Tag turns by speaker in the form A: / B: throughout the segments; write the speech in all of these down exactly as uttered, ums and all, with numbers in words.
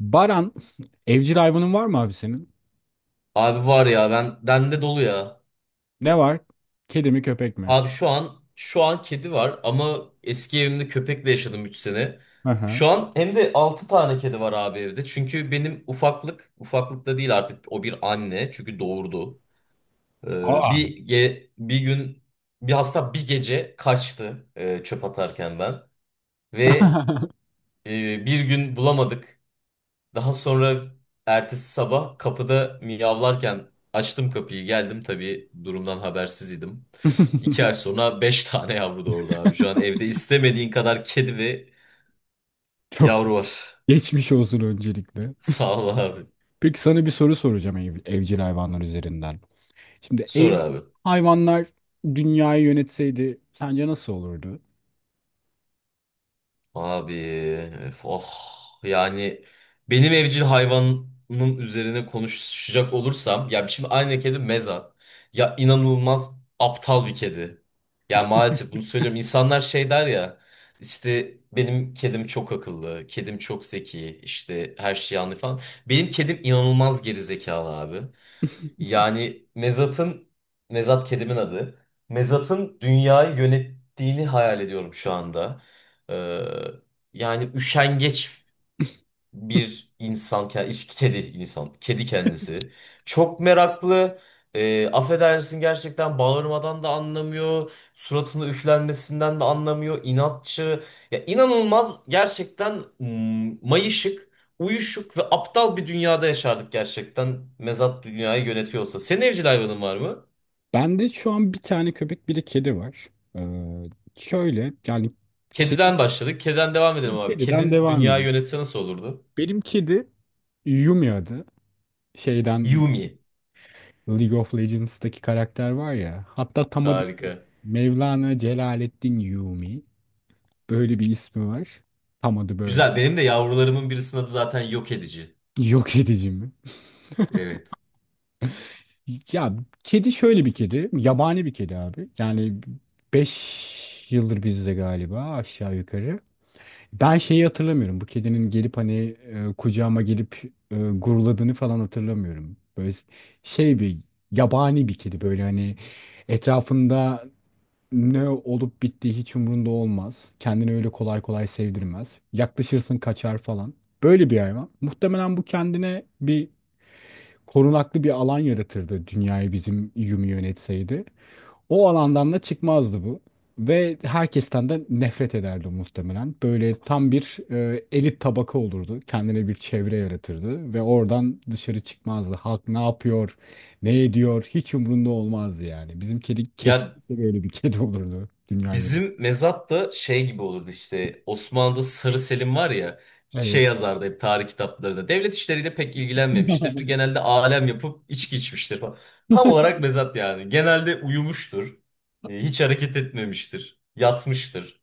A: Baran, evcil hayvanın var mı abi senin?
B: Abi var ya ben bende dolu ya.
A: Ne var? Kedi mi köpek mi?
B: Abi şu an şu an kedi var ama eski evimde köpekle yaşadım üç sene.
A: Hı hı.
B: Şu an hem de altı tane kedi var abi evde. Çünkü benim ufaklık ufaklık da değil artık, o bir anne çünkü doğurdu. Ee,
A: Aa.
B: bir ge- bir gün bir hasta bir gece kaçtı, e, çöp atarken ben ve e, bir gün bulamadık. Daha sonra ertesi sabah kapıda miyavlarken açtım kapıyı, geldim, tabii durumdan habersiz idim. İki ay sonra beş tane yavru doğurdu abi. Şu an evde istemediğin kadar kedi ve
A: Çok
B: yavru var.
A: geçmiş olsun öncelikle.
B: Sağ ol abi.
A: Peki sana bir soru soracağım ev- evcil hayvanlar üzerinden. Şimdi
B: Sor
A: ev
B: abi.
A: hayvanlar dünyayı yönetseydi sence nasıl olurdu?
B: Abi öf, oh, yani benim evcil hayvanımın üzerine konuşacak olursam, ya şimdi aynı kedi Meza, ya inanılmaz aptal bir kedi. Ya maalesef bunu söylüyorum. İnsanlar şey der ya, işte benim kedim çok akıllı, kedim çok zeki, işte her şeyi anlıyor falan. Benim kedim inanılmaz gerizekalı abi. Yani Mezat'ın Mezat kedimin adı. Mezat'ın dünyayı yönettiğini hayal ediyorum şu anda. Ee, Yani üşengeç bir insan, ke- iş- kedi insan, kedi kendisi. Çok meraklı. Ee, affedersin, gerçekten bağırmadan da anlamıyor. Suratını üflenmesinden de anlamıyor. İnatçı. Ya inanılmaz gerçekten, mm, mayışık, uyuşuk ve aptal bir dünyada yaşardık gerçekten. Mezat dünyayı yönetiyorsa. Senin evcil hayvanın var mı?
A: Bende şu an bir tane köpek bir de kedi var. Ee, şöyle yani kedi,
B: Kediden başladık. Kediden devam edelim abi.
A: kediden
B: Kedin
A: devam
B: dünyayı
A: edeyim.
B: yönetse nasıl olurdu?
A: Benim kedi Yumi adı. Şeyden
B: Yumi.
A: League of Legends'taki karakter var ya. Hatta tam adı
B: Harika.
A: Mevlana Celaleddin Rumi. Böyle bir ismi var. Tam adı böyle.
B: Güzel. Benim de yavrularımın birisinin adı zaten yok edici.
A: Yok edici mi?
B: Evet.
A: Ya kedi şöyle bir kedi. Yabani bir kedi abi. Yani beş yıldır bizde galiba aşağı yukarı. Ben şeyi hatırlamıyorum. Bu kedinin gelip hani e, kucağıma gelip e, guruladığını falan hatırlamıyorum. Böyle şey bir yabani bir kedi böyle hani etrafında ne olup bittiği hiç umurunda olmaz. Kendini öyle kolay kolay sevdirmez. Yaklaşırsın kaçar falan. Böyle bir hayvan. Muhtemelen bu kendine bir korunaklı bir alan yaratırdı dünyayı bizim Yumi yönetseydi. O alandan da çıkmazdı bu. Ve herkesten de nefret ederdi muhtemelen. Böyle tam bir e, elit tabaka olurdu. Kendine bir çevre yaratırdı. Ve oradan dışarı çıkmazdı. Halk ne yapıyor, ne ediyor hiç umurunda olmazdı yani. Bizim kedi
B: Ya
A: kesinlikle böyle bir kedi olurdu. Dünya yönetimi.
B: bizim mezat da şey gibi olurdu işte. Osmanlı'da Sarı Selim var ya. Şey
A: Evet.
B: yazardı hep tarih kitaplarında. Devlet işleriyle pek ilgilenmemiştir. Genelde alem yapıp içki içmiştir falan. Tam olarak mezat yani. Genelde uyumuştur. E, Hiç hareket etmemiştir. Yatmıştır.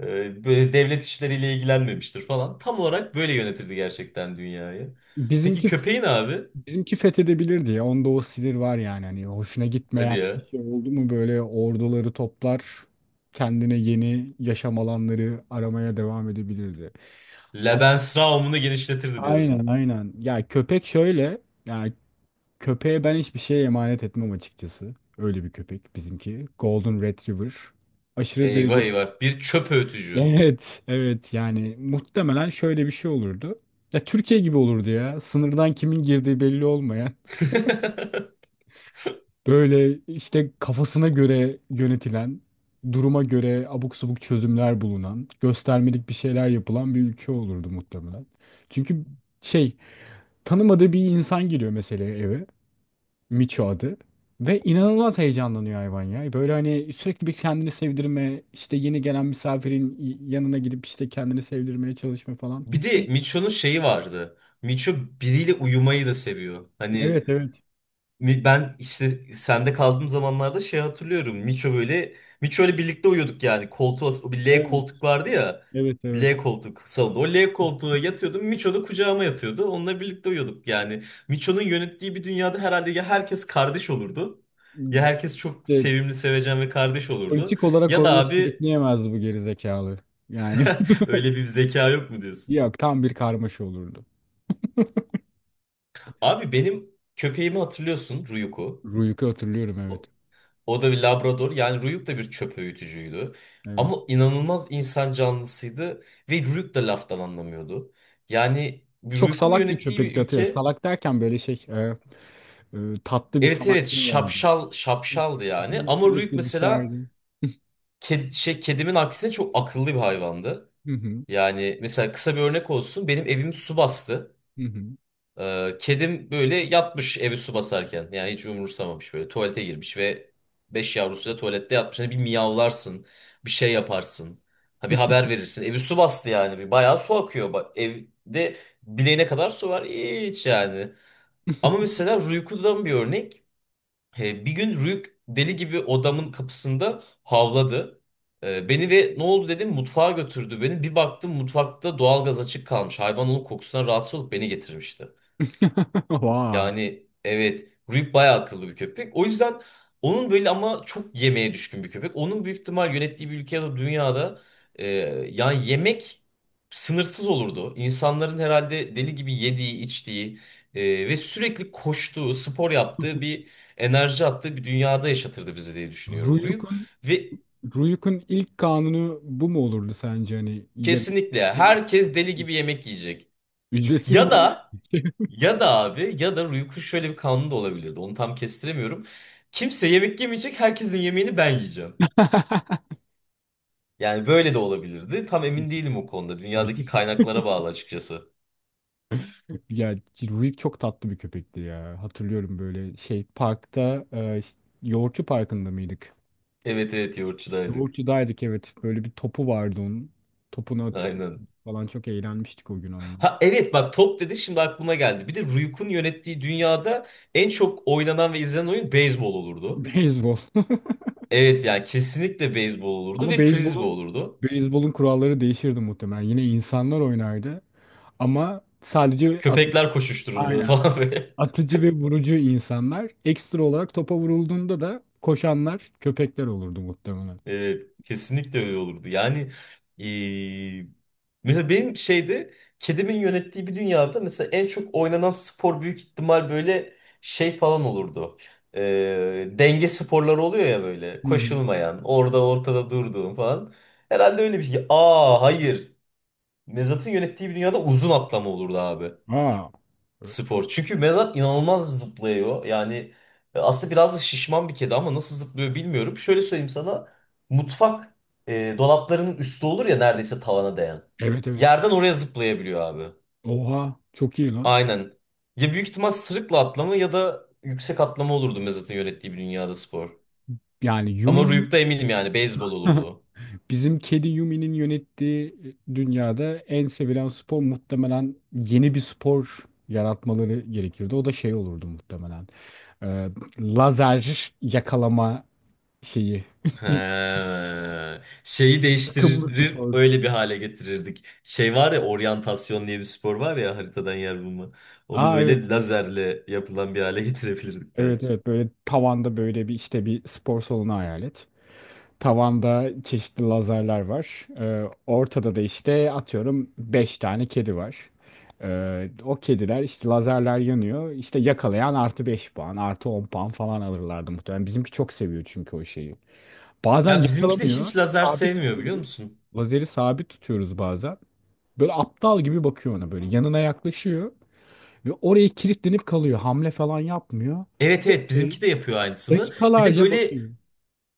B: E, Böyle devlet işleriyle ilgilenmemiştir falan. Tam olarak böyle yönetirdi gerçekten dünyayı. Peki
A: Bizimki
B: köpeğin abi?
A: Bizimki fethedebilir diye. Onda o sinir var yani. Hani hoşuna
B: Hadi
A: gitmeyen bir
B: ya.
A: şey oldu mu böyle orduları toplar. Kendine yeni yaşam alanları aramaya devam edebilirdi. Abi,
B: Lebensraum'unu genişletirdi
A: aynen
B: diyorsun.
A: aynen. Ya köpek şöyle. Yani köpeğe ben hiçbir şey emanet etmem açıkçası. Öyle bir köpek bizimki. Golden Retriever. Aşırı
B: Eyvah
A: derecede.
B: eyvah. Bir çöp öğütücü.
A: Evet evet yani muhtemelen şöyle bir şey olurdu. Ya Türkiye gibi olurdu ya. Sınırdan kimin girdiği belli olmayan. Böyle işte kafasına göre yönetilen, duruma göre abuk subuk çözümler bulunan, göstermelik bir şeyler yapılan bir ülke olurdu muhtemelen. Çünkü şey, tanımadığı bir insan geliyor mesela eve, Miço adı. Ve inanılmaz heyecanlanıyor hayvan ya. Böyle hani sürekli bir kendini sevdirme, işte yeni gelen misafirin y- yanına gidip işte kendini sevdirmeye çalışma falan.
B: Bir de
A: Hiçbir...
B: Micho'nun şeyi vardı. Micho biriyle uyumayı da seviyor. Hani
A: Evet, evet.
B: Mi- ben işte sende kaldığım zamanlarda şey hatırlıyorum. Miço böyle Miço ile birlikte uyuyorduk yani. Koltuğa, o bir L
A: Evet,
B: koltuk vardı ya.
A: evet, evet.
B: L koltuk salonda. O L koltuğa yatıyordum. Miço da kucağıma yatıyordu. Onunla birlikte uyuyorduk yani. Miço'nun yönettiği bir dünyada herhalde ya herkes kardeş olurdu. Ya herkes çok
A: İşte
B: sevimli, sevecen ve kardeş olurdu.
A: politik olarak
B: Ya da
A: oraya
B: abi,
A: sürükleyemezdi bu gerizekalı. Yani
B: öyle bir zeka yok mu diyorsun?
A: Yok, tam bir karmaşa olurdu.
B: Abi benim köpeğimi hatırlıyorsun, Ruyuku.
A: Ruyuk'u hatırlıyorum evet.
B: O da bir labrador. Yani Ruyuk da bir çöp öğütücüydü.
A: Evet.
B: Ama inanılmaz insan canlısıydı ve Ruyuk da laftan anlamıyordu. Yani bir
A: Çok
B: Ruyuk'un
A: salak bir
B: yönettiği bir
A: köpekti hatırlıyorum.
B: ülke,
A: Salak derken böyle şey e, e, tatlı bir
B: evet evet,
A: salaklığı vardı.
B: şapşal şapşaldı yani,
A: Biz
B: ama Ruyuk
A: sürekli
B: mesela
A: dışarıda.
B: ked- şey kedimin aksine çok akıllı bir hayvandı.
A: Hı hı.
B: Yani mesela kısa bir örnek olsun, benim evimi su bastı.
A: Hı hı.
B: Ee, kedim böyle yatmış evi su basarken. Yani hiç umursamamış böyle. Tuvalete girmiş ve beş yavrusu da tuvalette yatmış. Hani bir miyavlarsın. Bir şey yaparsın. Ha, bir haber verirsin. Evi su bastı yani. Bir bayağı su akıyor. Bak, evde bileğine kadar su var. Hiç yani. Ama mesela Rüyku'dan bir örnek. Ee, bir gün Rüyk deli gibi odamın kapısında havladı. Ee, beni ve ne oldu dedim, mutfağa götürdü beni. Bir baktım, mutfakta doğalgaz açık kalmış. Hayvan onun kokusundan rahatsız olup beni getirmişti.
A: Vay.
B: Yani evet, Rüyük bayağı akıllı bir köpek. O yüzden onun böyle, ama çok yemeğe düşkün bir köpek. Onun büyük ihtimal yönettiği bir ülke ya da dünyada, e, yani yemek sınırsız olurdu. İnsanların herhalde deli gibi yediği, içtiği, e, ve sürekli koştuğu, spor yaptığı bir, enerji attığı bir dünyada yaşatırdı bizi diye düşünüyorum Rüyük.
A: Ruyuk'un
B: Ve
A: Ruyuk'un ilk kanunu bu mu olurdu sence hani yemekleri
B: kesinlikle herkes deli gibi
A: ücretsiz
B: yemek yiyecek.
A: ücretsiz mi
B: Ya
A: olurdu?
B: da Ya da abi, ya da Rüyuk'un şöyle bir kanunu da olabiliyordu. Onu tam kestiremiyorum. Kimse yemek yemeyecek, herkesin yemeğini ben yiyeceğim. Yani böyle de olabilirdi. Tam emin değilim
A: Faşist,
B: o konuda. Dünyadaki
A: faşist.
B: kaynaklara bağlı açıkçası.
A: Ya Rurik çok tatlı bir köpekti ya. Hatırlıyorum böyle şey parkta e, işte Yoğurtçu Parkı'nda mıydık?
B: Evet evet, yoğurtçudaydık.
A: Yoğurtçu'daydık evet. Böyle bir topu vardı onun. Topunu at
B: Aynen.
A: falan, çok eğlenmiştik o gün onunla.
B: Ha evet, bak, top dedi, şimdi aklıma geldi. Bir de Rüyuk'un yönettiği dünyada en çok oynanan ve izlenen oyun beyzbol olurdu.
A: Beyzbol.
B: Evet yani kesinlikle beyzbol olurdu ve
A: Ama
B: frisbee
A: beyzbolun
B: olurdu.
A: beyzbolun kuralları değişirdi muhtemelen. Yine insanlar oynardı ama sadece at,
B: Köpekler koşuştururdu
A: aynen,
B: falan.
A: atıcı ve vurucu insanlar ekstra olarak topa vurulduğunda da koşanlar köpekler olurdu muhtemelen.
B: Evet, kesinlikle öyle olurdu. Yani eee, mesela benim şeyde kedimin yönettiği bir dünyada mesela en çok oynanan spor büyük ihtimal böyle şey falan olurdu. Eee, denge sporları oluyor ya, böyle
A: Hı hı.
B: koşulmayan, orada ortada durduğum falan. Herhalde öyle bir şey. Aa hayır. Mezat'ın yönettiği bir dünyada uzun atlama olurdu abi,
A: Aa.
B: spor. Çünkü Mezat inanılmaz zıplıyor. Yani e, aslında biraz da şişman bir kedi ama nasıl zıplıyor bilmiyorum. Şöyle söyleyeyim sana. Mutfak e, dolaplarının üstü olur ya, neredeyse tavana değen.
A: Evet evet.
B: Yerden oraya zıplayabiliyor abi.
A: Oha çok iyi lan.
B: Aynen. Ya büyük ihtimal sırıkla atlama ya da yüksek atlama olurdu Mezat'ın yönettiği bir dünyada spor.
A: Yani
B: Ama
A: Yumi'nin
B: Rüyuk'ta eminim yani beyzbol olurdu.
A: bizim kedi Yumi'nin yönettiği e, dünyada en sevilen spor muhtemelen yeni bir spor yaratmaları gerekirdi. O da şey olurdu muhtemelen. Ee, lazer yakalama şeyi.
B: He. Şeyi
A: Takımlı
B: değiştirir,
A: spor.
B: öyle bir hale getirirdik. Şey var ya, oryantasyon diye bir spor var ya, haritadan yer bulma. Onu
A: Aa,
B: böyle
A: evet.
B: lazerle yapılan bir hale getirebilirdik
A: Evet
B: belki.
A: evet, böyle tavanda böyle bir işte bir spor salonu hayal et. Tavanda çeşitli lazerler var. Ee, ortada da işte atıyorum beş tane kedi var. Ee, o kediler işte lazerler yanıyor. İşte yakalayan artı beş puan, artı on puan falan alırlardı muhtemelen. Bizimki çok seviyor çünkü o şeyi. Bazen
B: Ya bizimki de
A: yakalamıyor.
B: hiç lazer
A: Sabit
B: sevmiyor biliyor
A: tutuyoruz.
B: musun?
A: Lazeri sabit tutuyoruz bazen. Böyle aptal gibi bakıyor ona böyle. Yanına yaklaşıyor. Ve oraya kilitlenip kalıyor. Hamle falan yapmıyor.
B: Evet evet,
A: Ee,
B: bizimki de yapıyor aynısını. Bir de
A: dakikalarca
B: böyle
A: bakıyor.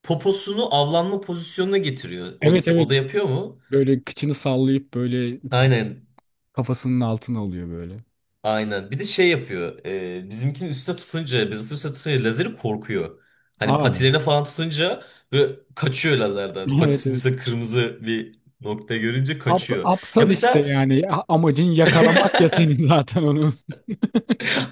B: poposunu avlanma pozisyonuna getiriyor. O,
A: Evet
B: o da
A: evet.
B: yapıyor mu?
A: Böyle kıçını sallayıp böyle
B: Aynen.
A: kafasının altına oluyor böyle.
B: Aynen. Bir de şey yapıyor. E, bizimkinin üstüne tutunca, bizim üstüne tutunca lazeri, korkuyor. Hani
A: Aa,
B: patilerine falan tutunca böyle kaçıyor lazerden.
A: evet
B: Patisinin
A: evet.
B: üstüne kırmızı bir nokta görünce
A: Ap-
B: kaçıyor. Ya
A: aptal işte
B: mesela,
A: yani A- amacın yakalamak ya senin zaten onu.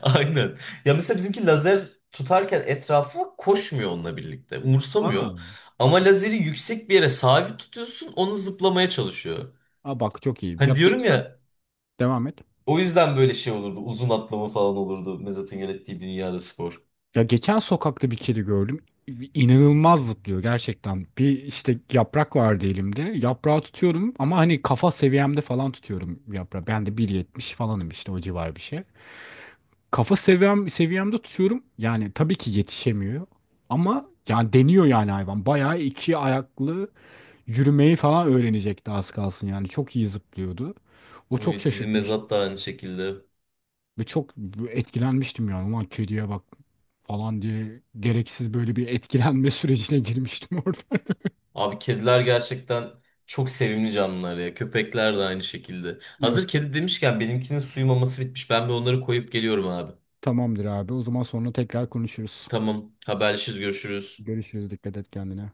B: aynen. Ya mesela bizimki lazer tutarken etrafa koşmuyor onunla birlikte.
A: Aa.
B: Umursamıyor. Ama lazeri yüksek bir yere sabit tutuyorsun, onu zıplamaya çalışıyor.
A: Aa bak çok iyi. Ya
B: Hani diyorum
A: geçen
B: ya,
A: devam et.
B: o yüzden böyle şey olurdu. Uzun atlama falan olurdu Mezat'ın yönettiği bir dünyada spor.
A: Ya geçen sokakta bir kedi gördüm. İnanılmaz zıplıyor gerçekten. Bir işte yaprak vardı elimde. Yaprağı tutuyorum ama hani kafa seviyemde falan tutuyorum yaprağı. Ben de bir yetmiş falanım işte o civar bir şey. Kafa seviyem seviyemde tutuyorum. Yani tabii ki yetişemiyor. Ama yani deniyor yani hayvan. Bayağı iki ayaklı yürümeyi falan öğrenecekti az kalsın yani. Çok iyi zıplıyordu. O çok
B: Evet, bizim
A: şaşırtmış
B: mezat da aynı şekilde.
A: ve çok etkilenmiştim yani. Ulan kediye bak falan diye gereksiz böyle bir etkilenme sürecine girmiştim orada.
B: Abi kediler gerçekten çok sevimli canlılar ya. Köpekler de aynı şekilde.
A: Evet.
B: Hazır kedi demişken benimkinin suyu maması bitmiş. Ben bir onları koyup geliyorum abi.
A: Tamamdır abi. O zaman sonra tekrar konuşuruz.
B: Tamam, haberleşiriz, görüşürüz.
A: Görüşürüz. Dikkat et kendine.